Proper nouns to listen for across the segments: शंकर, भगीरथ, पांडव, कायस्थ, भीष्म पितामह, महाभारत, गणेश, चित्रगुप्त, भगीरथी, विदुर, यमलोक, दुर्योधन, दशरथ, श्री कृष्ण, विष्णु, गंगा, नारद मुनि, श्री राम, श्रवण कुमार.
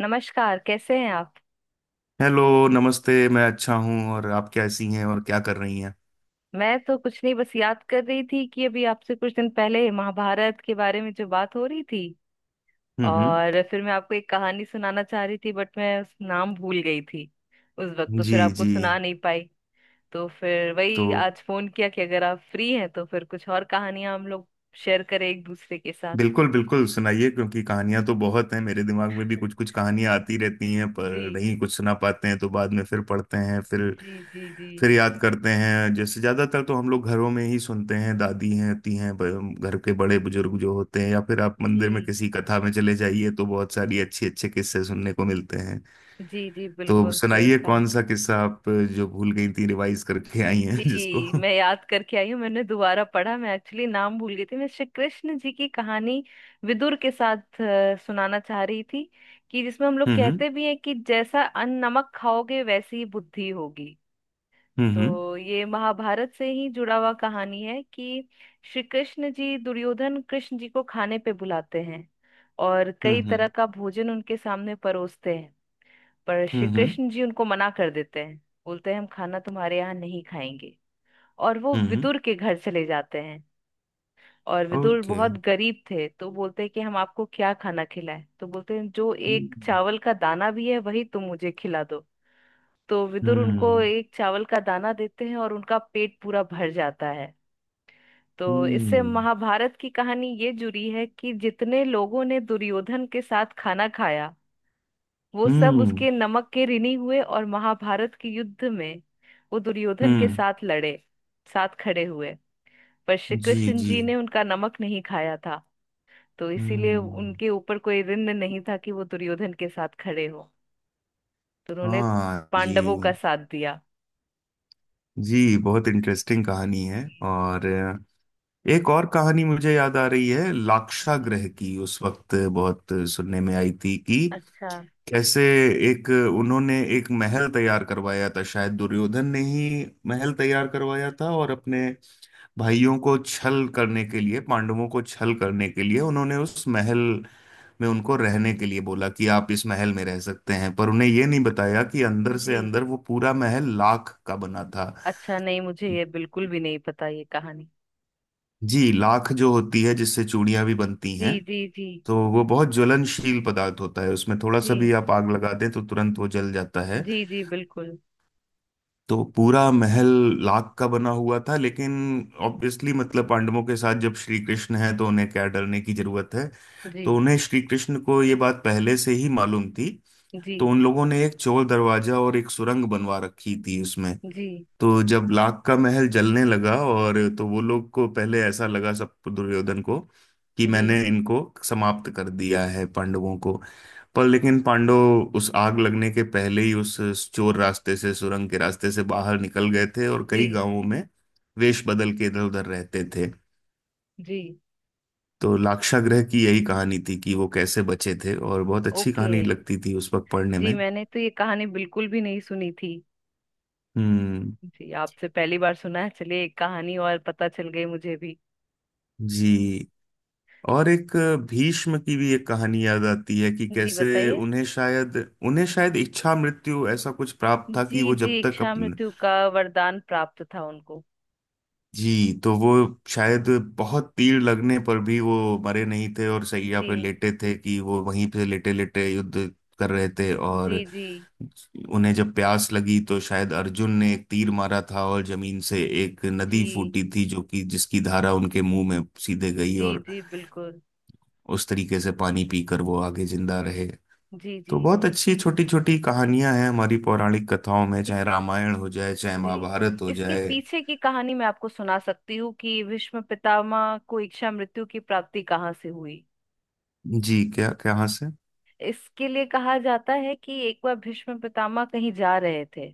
नमस्कार, कैसे हैं आप। हेलो। नमस्ते, मैं अच्छा हूँ। और आप कैसी हैं और क्या कर रही हैं? मैं तो कुछ नहीं, बस याद कर रही थी कि अभी आपसे कुछ दिन पहले महाभारत के बारे में जो बात हो रही थी हम्म। और फिर मैं आपको एक कहानी सुनाना चाह रही थी, बट मैं उस नाम भूल गई थी। उस वक्त तो जी फिर आपको जी। सुना नहीं पाई। तो फिर तो वही आज फोन किया कि अगर आप फ्री हैं तो फिर कुछ और कहानियां हम लोग शेयर करें एक दूसरे के साथ। बिल्कुल बिल्कुल सुनाइए, क्योंकि कहानियां तो बहुत हैं, मेरे दिमाग में भी कुछ कुछ कहानियां आती रहती हैं पर जी। नहीं कुछ सुना पाते हैं, तो बाद में फिर पढ़ते हैं, जी जी जी। फिर याद करते हैं। जैसे ज्यादातर तो हम लोग घरों में ही सुनते हैं, दादी हैं होती हैं, घर के बड़े बुजुर्ग जो होते हैं, या फिर आप मंदिर में जी किसी कथा में चले जाइए तो बहुत सारी अच्छे अच्छे किस्से सुनने को मिलते। जी जी तो बिल्कुल सही सुनाइए कहा। कौन सा किस्सा आप जो भूल गई थी रिवाइज करके आई हैं जिसको जी, हम्म। मैं याद करके आई हूँ, मैंने दोबारा पढ़ा। मैं एक्चुअली नाम भूल गई थी। मैं श्री कृष्ण जी की कहानी विदुर के साथ सुनाना चाह रही थी, कि जिसमें हम लोग कहते भी हैं कि जैसा अन्न नमक खाओगे वैसी ही बुद्धि होगी। हम्म तो ये महाभारत से ही जुड़ा हुआ कहानी है कि श्री कृष्ण जी, दुर्योधन कृष्ण जी को खाने पे बुलाते हैं और कई हम्म तरह का भोजन उनके सामने परोसते हैं। पर श्री हम्म कृष्ण जी उनको मना कर देते हैं। बोलते हैं, हम खाना तुम्हारे यहाँ नहीं खाएंगे, और वो हम्म। विदुर के घर चले जाते हैं। और विदुर ओके। बहुत गरीब थे, तो बोलते हैं कि हम आपको क्या खाना खिलाएं। तो बोलते हैं जो एक हम्म चावल का दाना भी है वही तुम मुझे खिला दो। तो विदुर उनको हम्म एक चावल का दाना देते हैं और उनका पेट पूरा भर जाता है। तो इससे हम्म महाभारत की कहानी ये जुड़ी है कि जितने लोगों ने दुर्योधन के साथ खाना खाया, वो सब हम्म उसके नमक के ऋणी हुए और महाभारत के युद्ध में वो दुर्योधन के हम्म, साथ लड़े, साथ खड़े हुए। पर श्री जी कृष्ण जी। जी ने उनका नमक नहीं खाया था, तो इसीलिए हम्म। उनके ऊपर कोई ऋण नहीं था कि वो दुर्योधन के साथ खड़े हो। तो उन्होंने हाँ जी। पांडवों का साथ दिया। जी बहुत इंटरेस्टिंग कहानी है। और एक और कहानी मुझे याद आ रही है, लाक्षा ग्रह की। उस वक्त बहुत सुनने में आई थी कि अच्छा। कैसे एक उन्होंने एक महल तैयार करवाया था, शायद दुर्योधन ने ही महल तैयार करवाया था, और अपने भाइयों को छल करने के लिए, पांडवों को छल करने के लिए उन्होंने उस महल में उनको रहने के लिए बोला कि आप इस महल में रह सकते हैं, पर उन्हें ये नहीं बताया कि अंदर से जी। अंदर वो पूरा महल लाख का बना था। अच्छा, नहीं मुझे ये बिल्कुल भी नहीं पता ये कहानी। जी, लाख जो होती है जिससे चूड़ियां भी बनती जी हैं, जी जी। तो वो बहुत ज्वलनशील पदार्थ होता है, उसमें थोड़ा सा भी जी आप आग लगा दें तो तुरंत वो जल जाता है। जी जी बिल्कुल। तो पूरा महल लाख का बना हुआ था, लेकिन ऑब्वियसली मतलब पांडवों के साथ जब श्री कृष्ण है तो उन्हें क्या डरने की जरूरत है। तो जी उन्हें श्री कृष्ण को ये बात पहले से ही मालूम थी, जी तो उन लोगों ने एक चोर दरवाजा और एक सुरंग बनवा रखी थी उसमें। जी तो जब लाख का महल जलने लगा और तो वो लोग को पहले ऐसा लगा, सब दुर्योधन को कि जी मैंने इनको समाप्त कर दिया है, पांडवों को। पर लेकिन पांडव उस आग लगने के पहले ही उस चोर रास्ते से, सुरंग के रास्ते से बाहर निकल गए थे और कई जी गांवों में वेश बदल के इधर उधर रहते थे। जी। तो लाक्षागृह की यही कहानी थी कि वो कैसे बचे थे, और बहुत अच्छी ओके। कहानी लगती थी उस वक्त पढ़ने जी, में। मैंने तो ये कहानी बिल्कुल भी नहीं सुनी थी। हम्म। जी, आपसे पहली बार सुना है। चलिए, एक कहानी और पता चल गई मुझे भी। जी। और एक भीष्म की भी एक कहानी याद आती है कि जी कैसे बताइए। उन्हें शायद इच्छा मृत्यु ऐसा कुछ प्राप्त था जी कि वो जी, जब तक इच्छा अपन। मृत्यु का वरदान प्राप्त था उनको। जी, तो वो शायद बहुत तीर लगने पर भी वो मरे नहीं थे और सैया पे जी लेटे थे, कि वो वहीं पे लेटे लेटे युद्ध कर रहे थे, जी और जी। उन्हें जब प्यास लगी तो शायद अर्जुन ने एक तीर मारा था और जमीन से एक नदी जी फूटी थी जो कि जिसकी धारा उनके मुंह में सीधे गई, जी और जी बिल्कुल। उस तरीके से पानी पीकर वो आगे जिंदा रहे। जी जी तो बहुत अच्छी छोटी छोटी कहानियां हैं हमारी पौराणिक कथाओं में, इस चाहे रामायण हो जाए चाहे जी, महाभारत हो इसके जाए। पीछे की कहानी मैं आपको सुना सकती हूँ कि भीष्म पितामह को इच्छा मृत्यु की प्राप्ति कहाँ से हुई। जी क्या क्या हाँ से। इसके लिए कहा जाता है कि एक बार भीष्म पितामह कहीं जा रहे थे।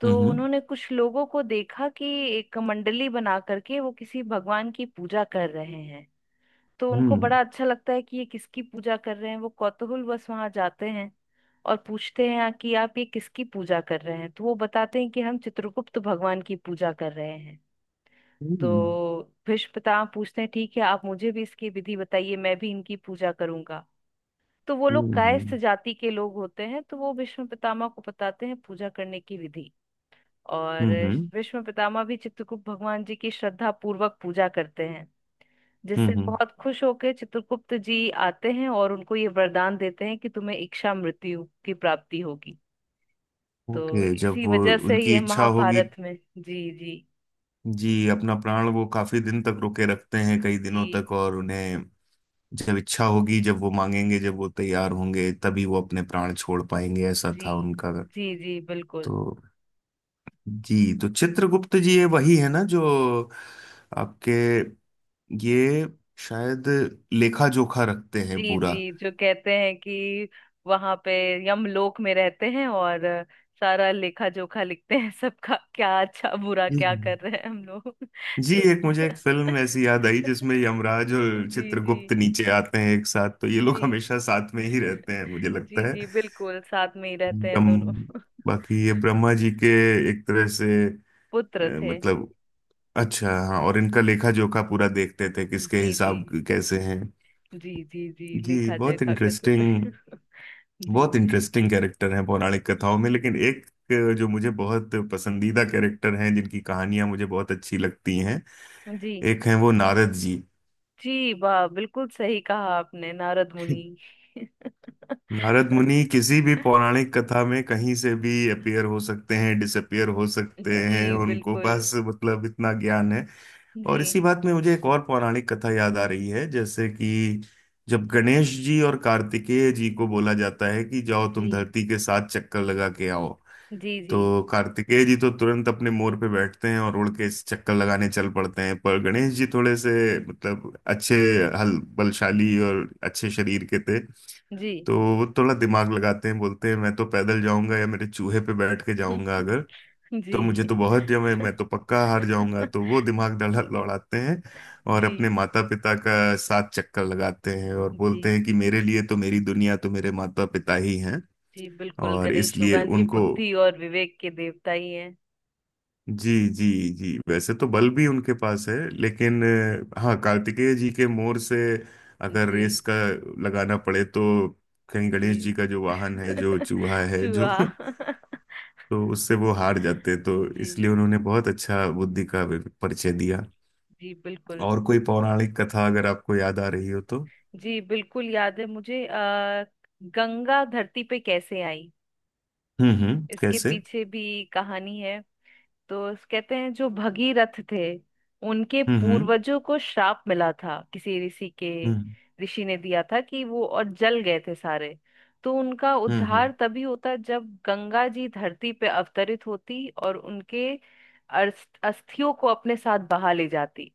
तो हम्म उन्होंने कुछ लोगों को देखा कि एक मंडली बना करके वो किसी भगवान की पूजा कर रहे हैं। तो उनको हम्म बड़ा अच्छा लगता है कि ये किसकी पूजा कर रहे हैं। वो कौतूहल बस वहां जाते हैं और पूछते हैं, "हाँ, कि आप ये किसकी पूजा कर रहे हैं।" तो वो बताते हैं कि हम चित्रगुप्त भगवान की पूजा कर रहे हैं। हम्म तो भीष्म पितामह पूछते हैं, ठीक है, आप मुझे भी इसकी विधि बताइए, मैं भी इनकी पूजा करूंगा। तो वो लोग हम्म कायस्थ हम्म जाति के लोग होते हैं, तो वो भीष्म पितामह को बताते हैं पूजा करने की विधि। और हम्म हम्म, भीष्म पितामह भी चित्रगुप्त भगवान जी की श्रद्धा पूर्वक पूजा करते हैं, जिससे हम्म, हम्म। बहुत खुश होकर चित्रगुप्त जी आते हैं और उनको ये वरदान देते हैं कि तुम्हें इच्छा मृत्यु की प्राप्ति होगी। तो ओके। जब इसी वो वजह से उनकी ये इच्छा होगी। महाभारत में। जी जी। जी, अपना प्राण वो काफी दिन तक रोके रखते हैं, कई दिनों जी तक, और उन्हें जब इच्छा होगी, जब वो मांगेंगे, जब वो तैयार होंगे, तभी वो अपने प्राण छोड़ पाएंगे, ऐसा जी था उनका। जी जी बिल्कुल। तो जी, तो चित्रगुप्त जी ये वही है ना जो आपके ये शायद लेखा जोखा रखते हैं जी पूरा। जी, जो कहते हैं कि वहां पे यमलोक में रहते हैं और सारा लेखा जोखा लिखते हैं सबका, क्या अच्छा बुरा क्या जी कर रहे हैं हम लोग। जी, तो। एक मुझे एक फिल्म ऐसी याद आई जिसमें यमराज और जी जी। चित्रगुप्त नीचे आते हैं एक साथ, तो ये जी लोग हमेशा साथ में ही रहते हैं मुझे जी लगता है। जी बिल्कुल, साथ में ही रहते हैं एकदम। दोनों। बाकी ये ब्रह्मा जी के एक तरह से पुत्र थे। मतलब अच्छा हाँ, और इनका लेखा जोखा पूरा देखते थे किसके जी जी। हिसाब कैसे हैं। जी जी जी जी लेखा बहुत जोखा करते थे। इंटरेस्टिंग। जी बहुत जी। इंटरेस्टिंग कैरेक्टर हैं पौराणिक कथाओं में, लेकिन एक जो मुझे बहुत पसंदीदा कैरेक्टर हैं जिनकी कहानियां मुझे बहुत अच्छी लगती हैं, जी एक हैं वो नारद जी। जी वाह, बिल्कुल सही कहा आपने, नारद मुनि। नारद मुनि किसी भी पौराणिक कथा में कहीं से भी अपीयर हो सकते हैं, डिसअपियर हो सकते जी हैं, उनको बिल्कुल। बस मतलब इतना ज्ञान है। जी। और इसी बात में मुझे एक और पौराणिक कथा याद आ रही है, जैसे कि जब गणेश जी और कार्तिकेय जी को बोला जाता है कि जाओ जी तुम धरती के साथ चक्कर लगा के आओ, जी जी तो कार्तिकेय जी तो तुरंत अपने मोर पे बैठते हैं और उड़ के चक्कर लगाने चल पड़ते हैं, पर गणेश जी थोड़े से मतलब अच्छे हल बलशाली और अच्छे शरीर के थे, जी। तो वो थोड़ा दिमाग लगाते हैं, बोलते हैं मैं तो पैदल जाऊंगा या मेरे चूहे पे बैठ के जाऊंगा अगर, तो जी। मुझे तो बहुत जम है मैं तो पक्का हार जाऊंगा। तो वो दिमाग डला लौड़ाते हैं, और जी। अपने माता पिता का साथ चक्कर लगाते हैं, और जी बोलते हैं कि मेरे लिए तो मेरी दुनिया तो मेरे माता पिता ही हैं, जी बिल्कुल, और गणेश इसलिए भगवान जी उनको। बुद्धि और विवेक के देवता ही हैं। जी जी जी, वैसे तो बल भी उनके पास है, लेकिन हाँ कार्तिकेय जी के मोर से अगर जी रेस का लगाना पड़े तो कहीं जी। गणेश जी का जो वाहन है जो चूहा है जो चूहा। तो उससे वो हार जाते हैं। तो जी इसलिए उन्होंने बहुत अच्छा बुद्धि का परिचय दिया। जी बिल्कुल। और कोई पौराणिक कथा अगर आपको याद आ रही हो तो। जी, बिल्कुल याद है मुझे। गंगा धरती पे कैसे आई। इसके कैसे? पीछे भी कहानी है। तो कहते हैं जो भगीरथ थे, उनके हम्म पूर्वजों को श्राप मिला था किसी ऋषि के। हम्म ऋषि ने दिया था कि वो और जल गए थे सारे। तो उनका उद्धार हम्म तभी होता जब गंगा जी धरती पे अवतरित होती और उनके अस्थियों को अपने साथ बहा ले जाती।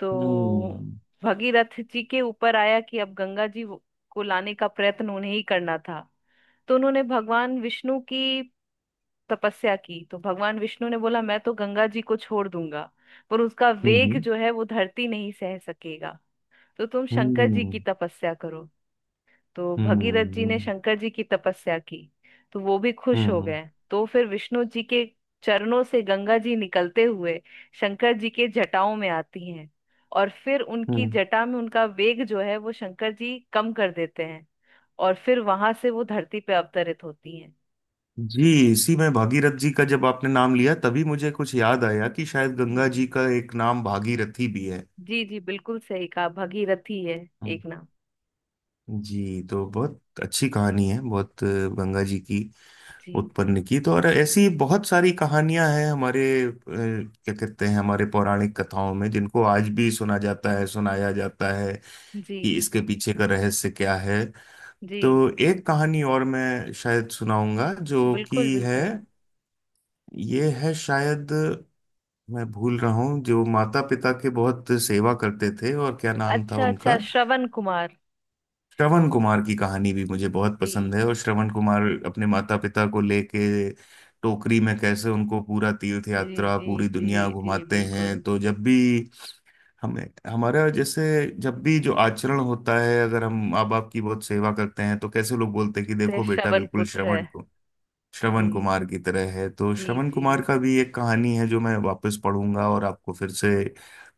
तो हम्म भगीरथ जी के ऊपर आया कि अब गंगा जी को लाने का प्रयत्न उन्हें ही करना था। तो उन्होंने भगवान विष्णु की तपस्या की। तो भगवान विष्णु ने बोला, मैं तो गंगा जी को छोड़ दूंगा पर उसका हम्म वेग हम्म जो है वो धरती नहीं सह सकेगा। तो तुम शंकर जी हम्म की तपस्या करो। तो हम्म भगीरथ जी ने हम्म शंकर जी की तपस्या की। तो वो भी खुश हम्म हो हम्म हम्म, गए। तो फिर विष्णु जी के चरणों से गंगा जी निकलते हुए शंकर जी के जटाओं में आती हैं, और फिर उनकी हम्म, जटा में उनका वेग जो है वो शंकर जी कम कर देते हैं। और फिर वहां से वो धरती पे अवतरित होती हैं। जी। इसी में भागीरथ जी का जब आपने नाम लिया तभी मुझे कुछ याद आया कि शायद जी गंगा जी। जी का एक नाम भागीरथी भी है। जी जी बिल्कुल सही कहा, भगीरथी है हम्म। एक नाम। जी तो बहुत अच्छी कहानी है बहुत गंगा जी की जी उत्पन्न की। तो और ऐसी बहुत सारी कहानियां हैं हमारे क्या कहते हैं हमारे पौराणिक कथाओं में, जिनको आज भी सुना जाता है, सुनाया जाता है जी। कि इसके पीछे का रहस्य क्या है। जी तो एक कहानी और मैं शायद सुनाऊंगा, जो कि बिल्कुल है। बिल्कुल। ये है शायद, मैं भूल रहा हूँ, जो माता पिता के बहुत सेवा करते थे, और क्या नाम था अच्छा, उनका। अच्छा, श्रवण कुमार। श्रवण कुमार की कहानी भी मुझे बहुत पसंद जी है, और श्रवण कुमार अपने माता पिता को लेके टोकरी में कैसे उनको पूरा तीर्थ जी यात्रा जी पूरी जी दुनिया जी घुमाते हैं, बिल्कुल, तो जब भी हमें हमारा जैसे जब भी जो आचरण होता है अगर हम माँ बाप की बहुत सेवा करते हैं तो कैसे लोग बोलते हैं कि ते देखो बेटा श्रवण बिल्कुल पुत्र श्रवण, है। श्रवण जी कुमार की तरह है। तो जी श्रवण जी कुमार का भी एक कहानी है जो मैं वापस पढ़ूंगा और आपको फिर से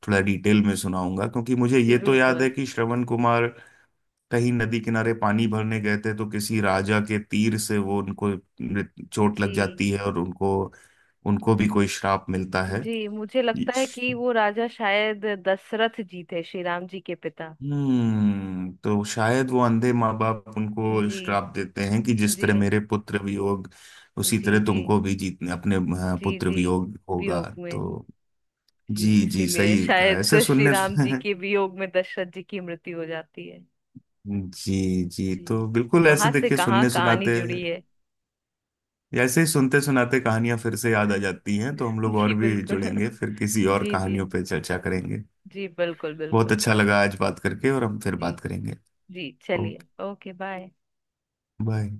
थोड़ा डिटेल में सुनाऊंगा, क्योंकि मुझे जी ये तो याद बिल्कुल। है कि श्रवण कुमार कहीं नदी किनारे पानी भरने गए थे तो किसी राजा के तीर से वो उनको चोट लग जी जाती है, और उनको उनको भी कोई श्राप मिलता है। जी, मुझे लगता है कि वो राजा शायद दशरथ जी थे, श्री राम जी के पिता। हम्म, तो शायद वो अंधे माँ बाप उनको जी श्राप देते हैं कि जिस तरह जी। मेरे पुत्र वियोग उसी जी तरह जी। तुमको भी जीतने अपने जी पुत्र जी वियोग होगा। वियोग में। तो जी जी जी इसीलिए सही कहा, शायद ऐसे श्री सुनने राम जी के वियोग में दशरथ जी की मृत्यु हो जाती है। जी जी। जी, तो बिल्कुल ऐसे कहाँ से देखिए कहाँ सुनने कहानी सुनाते जुड़ी है। ऐसे ही सुनते सुनाते कहानियां फिर से याद आ जाती हैं, तो हम लोग जी और भी बिल्कुल। जुड़ेंगे, फिर किसी और जी जी। कहानियों पे चर्चा करेंगे। जी बिल्कुल बहुत बिल्कुल। अच्छा लगा आज बात करके, और हम फिर जी बात करेंगे। जी। चलिए, ओके, ओके, बाय। बाय।